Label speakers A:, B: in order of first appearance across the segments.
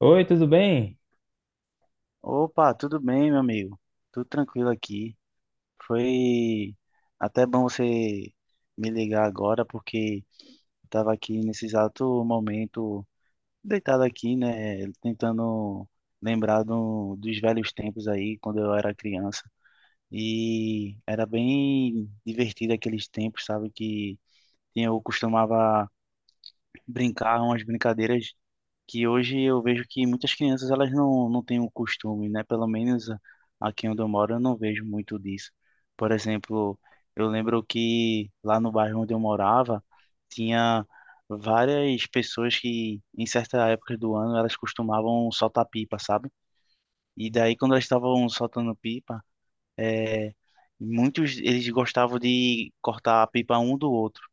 A: Oi, tudo bem?
B: Opa, tudo bem, meu amigo? Tudo tranquilo aqui. Foi até bom você me ligar agora, porque estava aqui nesse exato momento, deitado aqui, né? Tentando lembrar dos velhos tempos aí, quando eu era criança. E era bem divertido aqueles tempos, sabe? Que eu costumava brincar umas brincadeiras que hoje eu vejo que muitas crianças elas não têm o costume, né? Pelo menos aqui onde eu moro eu não vejo muito disso. Por exemplo, eu lembro que lá no bairro onde eu morava tinha várias pessoas que em certa época do ano elas costumavam soltar pipa, sabe? E daí quando elas estavam soltando pipa, é, muitos eles gostavam de cortar a pipa um do outro.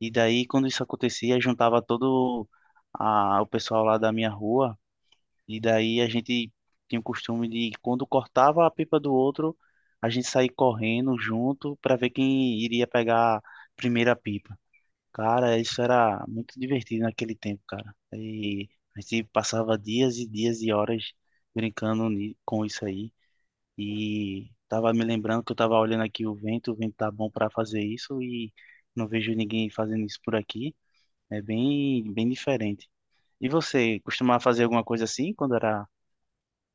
B: E daí quando isso acontecia, juntava o pessoal lá da minha rua e daí a gente tinha o costume de, quando cortava a pipa do outro, a gente sair correndo junto para ver quem iria pegar a primeira pipa. Cara, isso era muito divertido naquele tempo, cara. E a gente passava dias e dias e horas brincando com isso aí. E tava me lembrando que eu tava olhando aqui o vento tá bom para fazer isso e não vejo ninguém fazendo isso por aqui. É bem, bem diferente. E você costumava fazer alguma coisa assim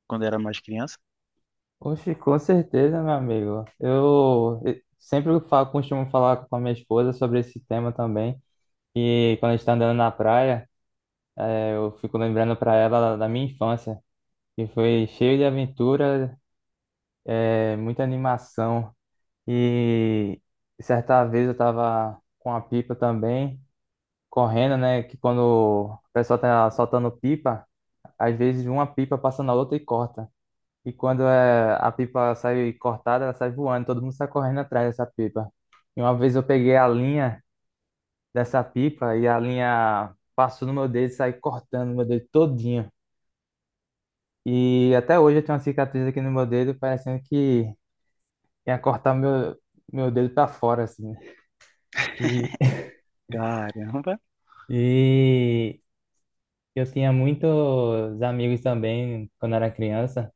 B: quando era mais criança.
A: Oxe, com certeza, meu amigo. Eu sempre falo, costumo falar com a minha esposa sobre esse tema também. E quando a gente está andando na praia, eu fico lembrando para ela da minha infância, que foi cheio de aventura, muita animação. E certa vez eu tava com a pipa também, correndo, né? Que quando o pessoal tá soltando pipa, às vezes uma pipa passa na outra e corta. E quando é, a pipa sai cortada, ela sai voando, todo mundo sai correndo atrás dessa pipa. E uma vez eu peguei a linha dessa pipa e a linha passou no meu dedo e saiu cortando meu dedo todinho. E até hoje eu tenho uma cicatriz aqui no meu dedo, parecendo que ia cortar meu dedo para fora, assim. E,
B: Caramba!
A: e eu tinha muitos amigos também quando era criança.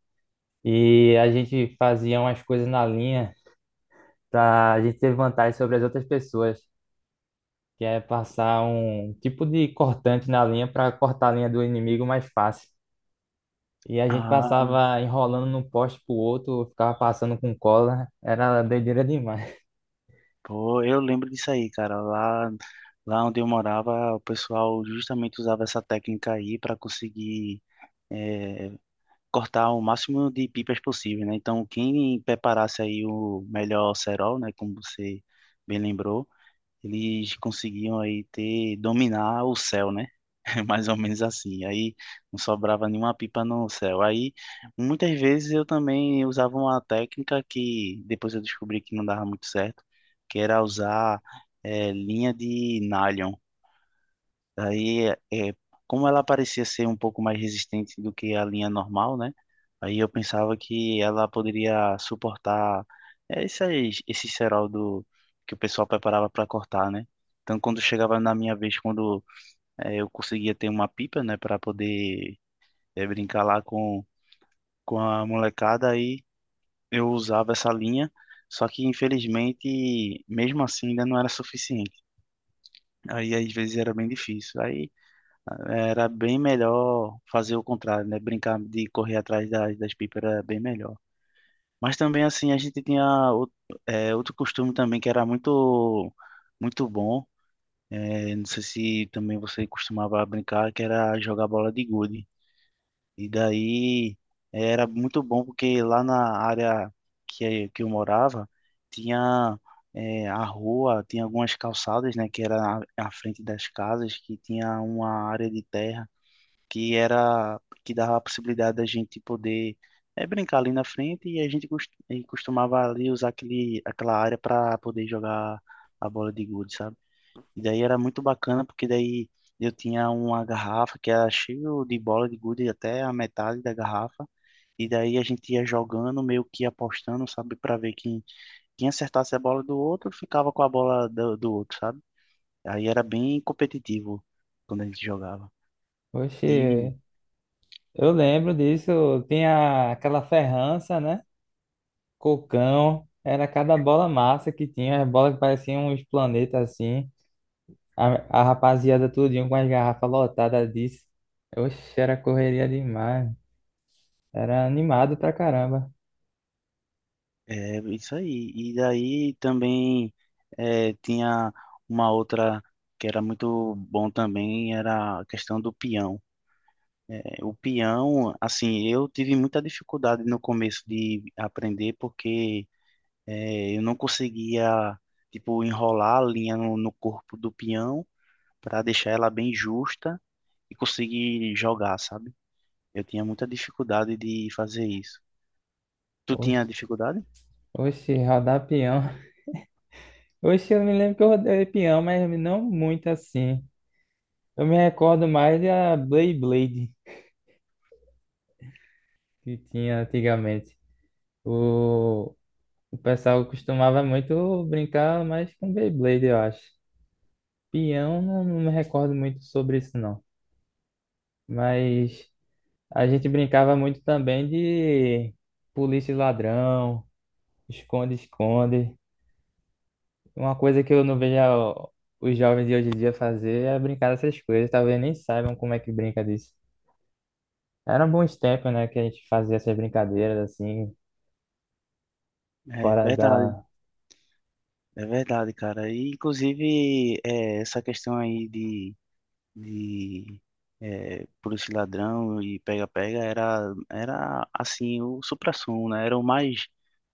A: E a gente fazia umas coisas na linha pra gente ter vantagem sobre as outras pessoas, que é passar um tipo de cortante na linha para cortar a linha do inimigo mais fácil. E a gente
B: Ah,
A: passava enrolando num poste pro outro, ficava passando com cola, era doideira demais.
B: pô, eu lembro disso aí, cara. Lá onde eu morava, o pessoal justamente usava essa técnica aí para conseguir eh, cortar o máximo de pipas possível, né? Então, quem preparasse aí o melhor cerol, né, como você bem lembrou, eles conseguiam aí ter, dominar o céu, né? Mais ou menos assim. Aí não sobrava nenhuma pipa no céu. Aí muitas vezes eu também usava uma técnica que depois eu descobri que não dava muito certo, que era usar linha de nylon. Aí, é, como ela parecia ser um pouco mais resistente do que a linha normal, né? Aí eu pensava que ela poderia suportar esse cerol que o pessoal preparava para cortar, né? Então, quando chegava na minha vez, quando eu conseguia ter uma pipa, né, para poder brincar lá com a molecada, aí eu usava essa linha. Só que, infelizmente, mesmo assim, ainda não era suficiente. Aí, às vezes, era bem difícil. Aí, era bem melhor fazer o contrário, né? Brincar de correr atrás das pipas era bem melhor. Mas também, assim, a gente tinha outro, outro costume também que era muito bom. É, não sei se também você costumava brincar, que era jogar bola de gude. E daí é, era muito bom porque lá na área que eu morava, tinha a rua, tinha algumas calçadas, né? Que era à frente das casas, que tinha uma área de terra que era que dava a possibilidade da gente poder brincar ali na frente e e costumava ali usar aquela área para poder jogar a bola de gude, sabe? E daí era muito bacana porque daí eu tinha uma garrafa que era cheia de bola de gude até a metade da garrafa. E daí a gente ia jogando, meio que apostando, sabe, para ver quem acertasse a bola do outro ficava com a bola do outro, sabe? Aí era bem competitivo quando a gente jogava. E
A: Oxe, eu lembro disso, tinha aquela ferrança, né? Cocão, era cada bola massa que tinha, as bolas que pareciam uns planetas assim. A rapaziada tudinho com as garrafas lotadas disso. Oxe, era correria demais. Era animado pra caramba.
B: É isso aí. E daí também tinha uma outra que era muito bom também, era a questão do peão. Eh, o peão, assim, eu tive muita dificuldade no começo de aprender porque eu não conseguia, tipo, enrolar a linha no corpo do peão para deixar ela bem justa e conseguir jogar, sabe? Eu tinha muita dificuldade de fazer isso. Tu
A: Oxe.
B: tinha dificuldade?
A: Oxi, rodar peão. Oxi, eu me lembro que eu rodei peão, mas não muito assim. Eu me recordo mais da Beyblade que tinha antigamente. O, o pessoal costumava muito brincar mais com Beyblade, eu acho. Peão, não, me recordo muito sobre isso, não. Mas a gente brincava muito também de polícia e ladrão, esconde-esconde. Uma coisa que eu não vejo os jovens de hoje em dia fazer é brincar dessas coisas. Talvez nem saibam como é que brinca disso. Eram bons tempos, né, que a gente fazia essas brincadeiras assim,
B: É
A: fora
B: verdade.
A: da.
B: É verdade, cara. E, inclusive, é, essa questão aí de é, polícia e ladrão e pega-pega era, assim, o suprassumo, né?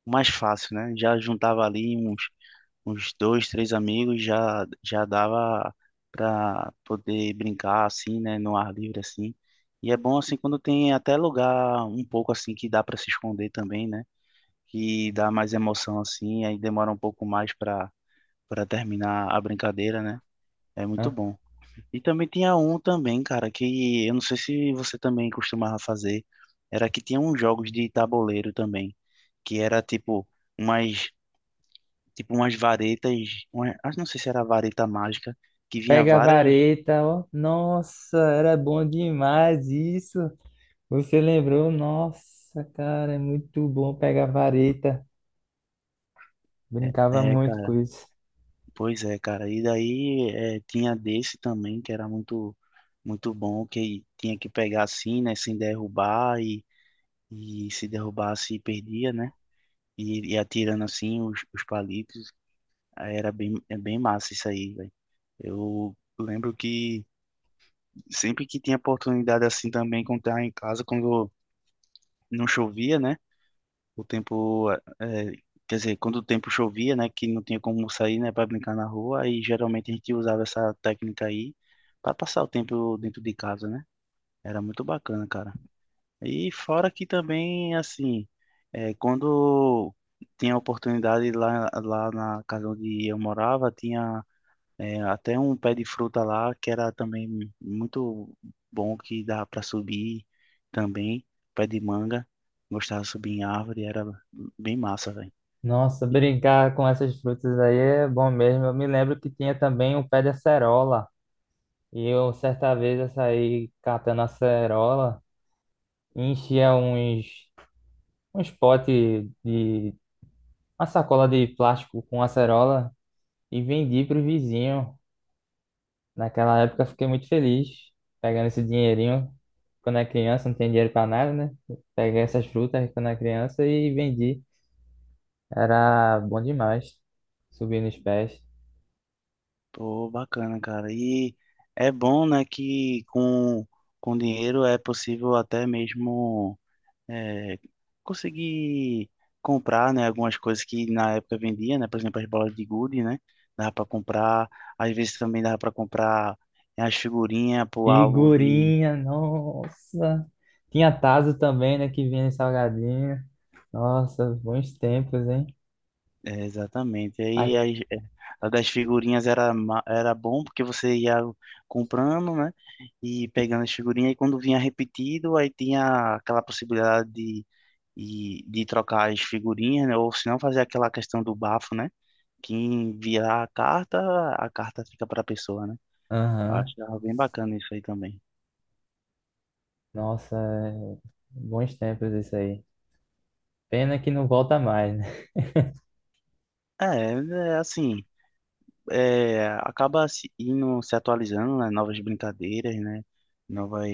B: O mais fácil, né? Já juntava ali uns dois, três amigos, já dava pra poder brincar, assim, né? No ar livre, assim. E é bom, assim, quando tem até lugar um pouco, assim, que dá pra se esconder também, né? Que dá mais emoção, assim, aí demora um pouco mais pra para terminar a brincadeira, né? É muito
A: Né?
B: bom. E também tinha um também, cara, que eu não sei se você também costumava fazer, era que tinha uns jogos de tabuleiro também, que era umas tipo umas varetas, uma, ah, não sei se era vareta mágica, que vinha
A: Pega a
B: várias,
A: vareta, ó. Nossa, era bom demais isso. Você lembrou? Nossa, cara, é muito bom pegar a vareta. Brincava
B: é,
A: muito com
B: cara,
A: isso.
B: pois é, cara. E daí é, tinha desse também que era muito bom, que tinha que pegar assim, né, sem derrubar e se derrubasse perdia, né? E atirando assim os palitos. Aí era é bem massa isso aí, velho. Eu lembro que sempre que tinha oportunidade assim também, quando tava em casa, quando não chovia, né? O tempo, eh, quer dizer, quando o tempo chovia, né? Que não tinha como sair, né? Para brincar na rua. Aí geralmente a gente usava essa técnica aí para passar o tempo dentro de casa, né? Era muito bacana, cara. E fora que também, assim, é, quando tinha oportunidade lá na casa onde eu morava, tinha é, até um pé de fruta lá que era também muito bom, que dava para subir também, pé de manga. Gostava de subir em árvore, era bem massa, velho.
A: Nossa, brincar com essas frutas aí é bom mesmo. Eu me lembro que tinha também o pé de acerola. E eu, certa vez, eu saí catando acerola e enchia uns potes de uma sacola de plástico com acerola e vendi para o vizinho. Naquela época, eu fiquei muito feliz pegando esse dinheirinho. Quando é criança, não tem dinheiro para nada, né? Peguei essas frutas quando é criança e vendi. Era bom demais, subir nos pés.
B: Pô, bacana, cara. E é bom, né, com dinheiro é possível até mesmo é, consegui comprar, né, algumas coisas que na época vendia, né, por exemplo, as bolas de gude, né, dava para comprar, às vezes também dava para comprar as figurinhas pro álbum de...
A: Figurinha, nossa. Tinha Tazo também, né? Que vinha em salgadinho. Nossa, bons tempos, hein?
B: É, exatamente,
A: A-
B: a das figurinhas era bom porque você ia comprando, né, e pegando as figurinhas, e quando vinha repetido, aí tinha aquela possibilidade de trocar as figurinhas, né, ou se não fazer aquela questão do bafo, né. Quem virar a carta fica pra pessoa, né? Eu
A: Aham.
B: acho bem bacana isso aí também.
A: Nossa, é, bons tempos isso aí. Pena que não volta mais, né?
B: É, é assim, é, acaba se indo se atualizando, né? Novas brincadeiras, né? Novas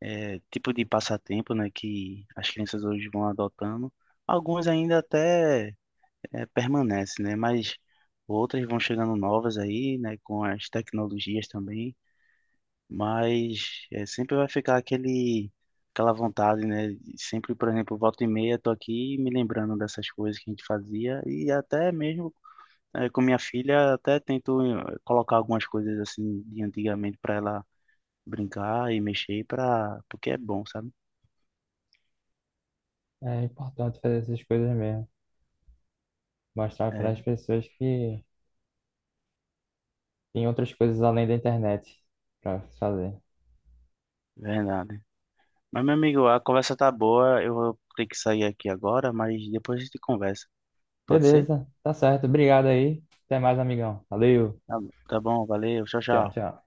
B: tipo de passatempo, né? Que as crianças hoje vão adotando. Alguns ainda até permanecem, né? Mas outras vão chegando novas aí, né? Com as tecnologias também. Mas é, sempre vai ficar aquela vontade, né? Sempre, por exemplo, volta e meia, tô aqui me lembrando dessas coisas que a gente fazia e até mesmo é, com minha filha, até tento colocar algumas coisas assim de antigamente para ela brincar e mexer para porque é bom, sabe?
A: É importante fazer essas coisas mesmo. Mostrar para as
B: É,
A: pessoas que tem outras coisas além da internet para fazer.
B: verdade. Mas, meu amigo, a conversa tá boa, eu vou ter que sair aqui agora, mas depois a gente conversa. Pode ser?
A: Beleza, tá certo. Obrigado aí. Até mais, amigão. Valeu.
B: Tá, tá bom, valeu, tchau,
A: Tchau,
B: tchau.
A: tchau.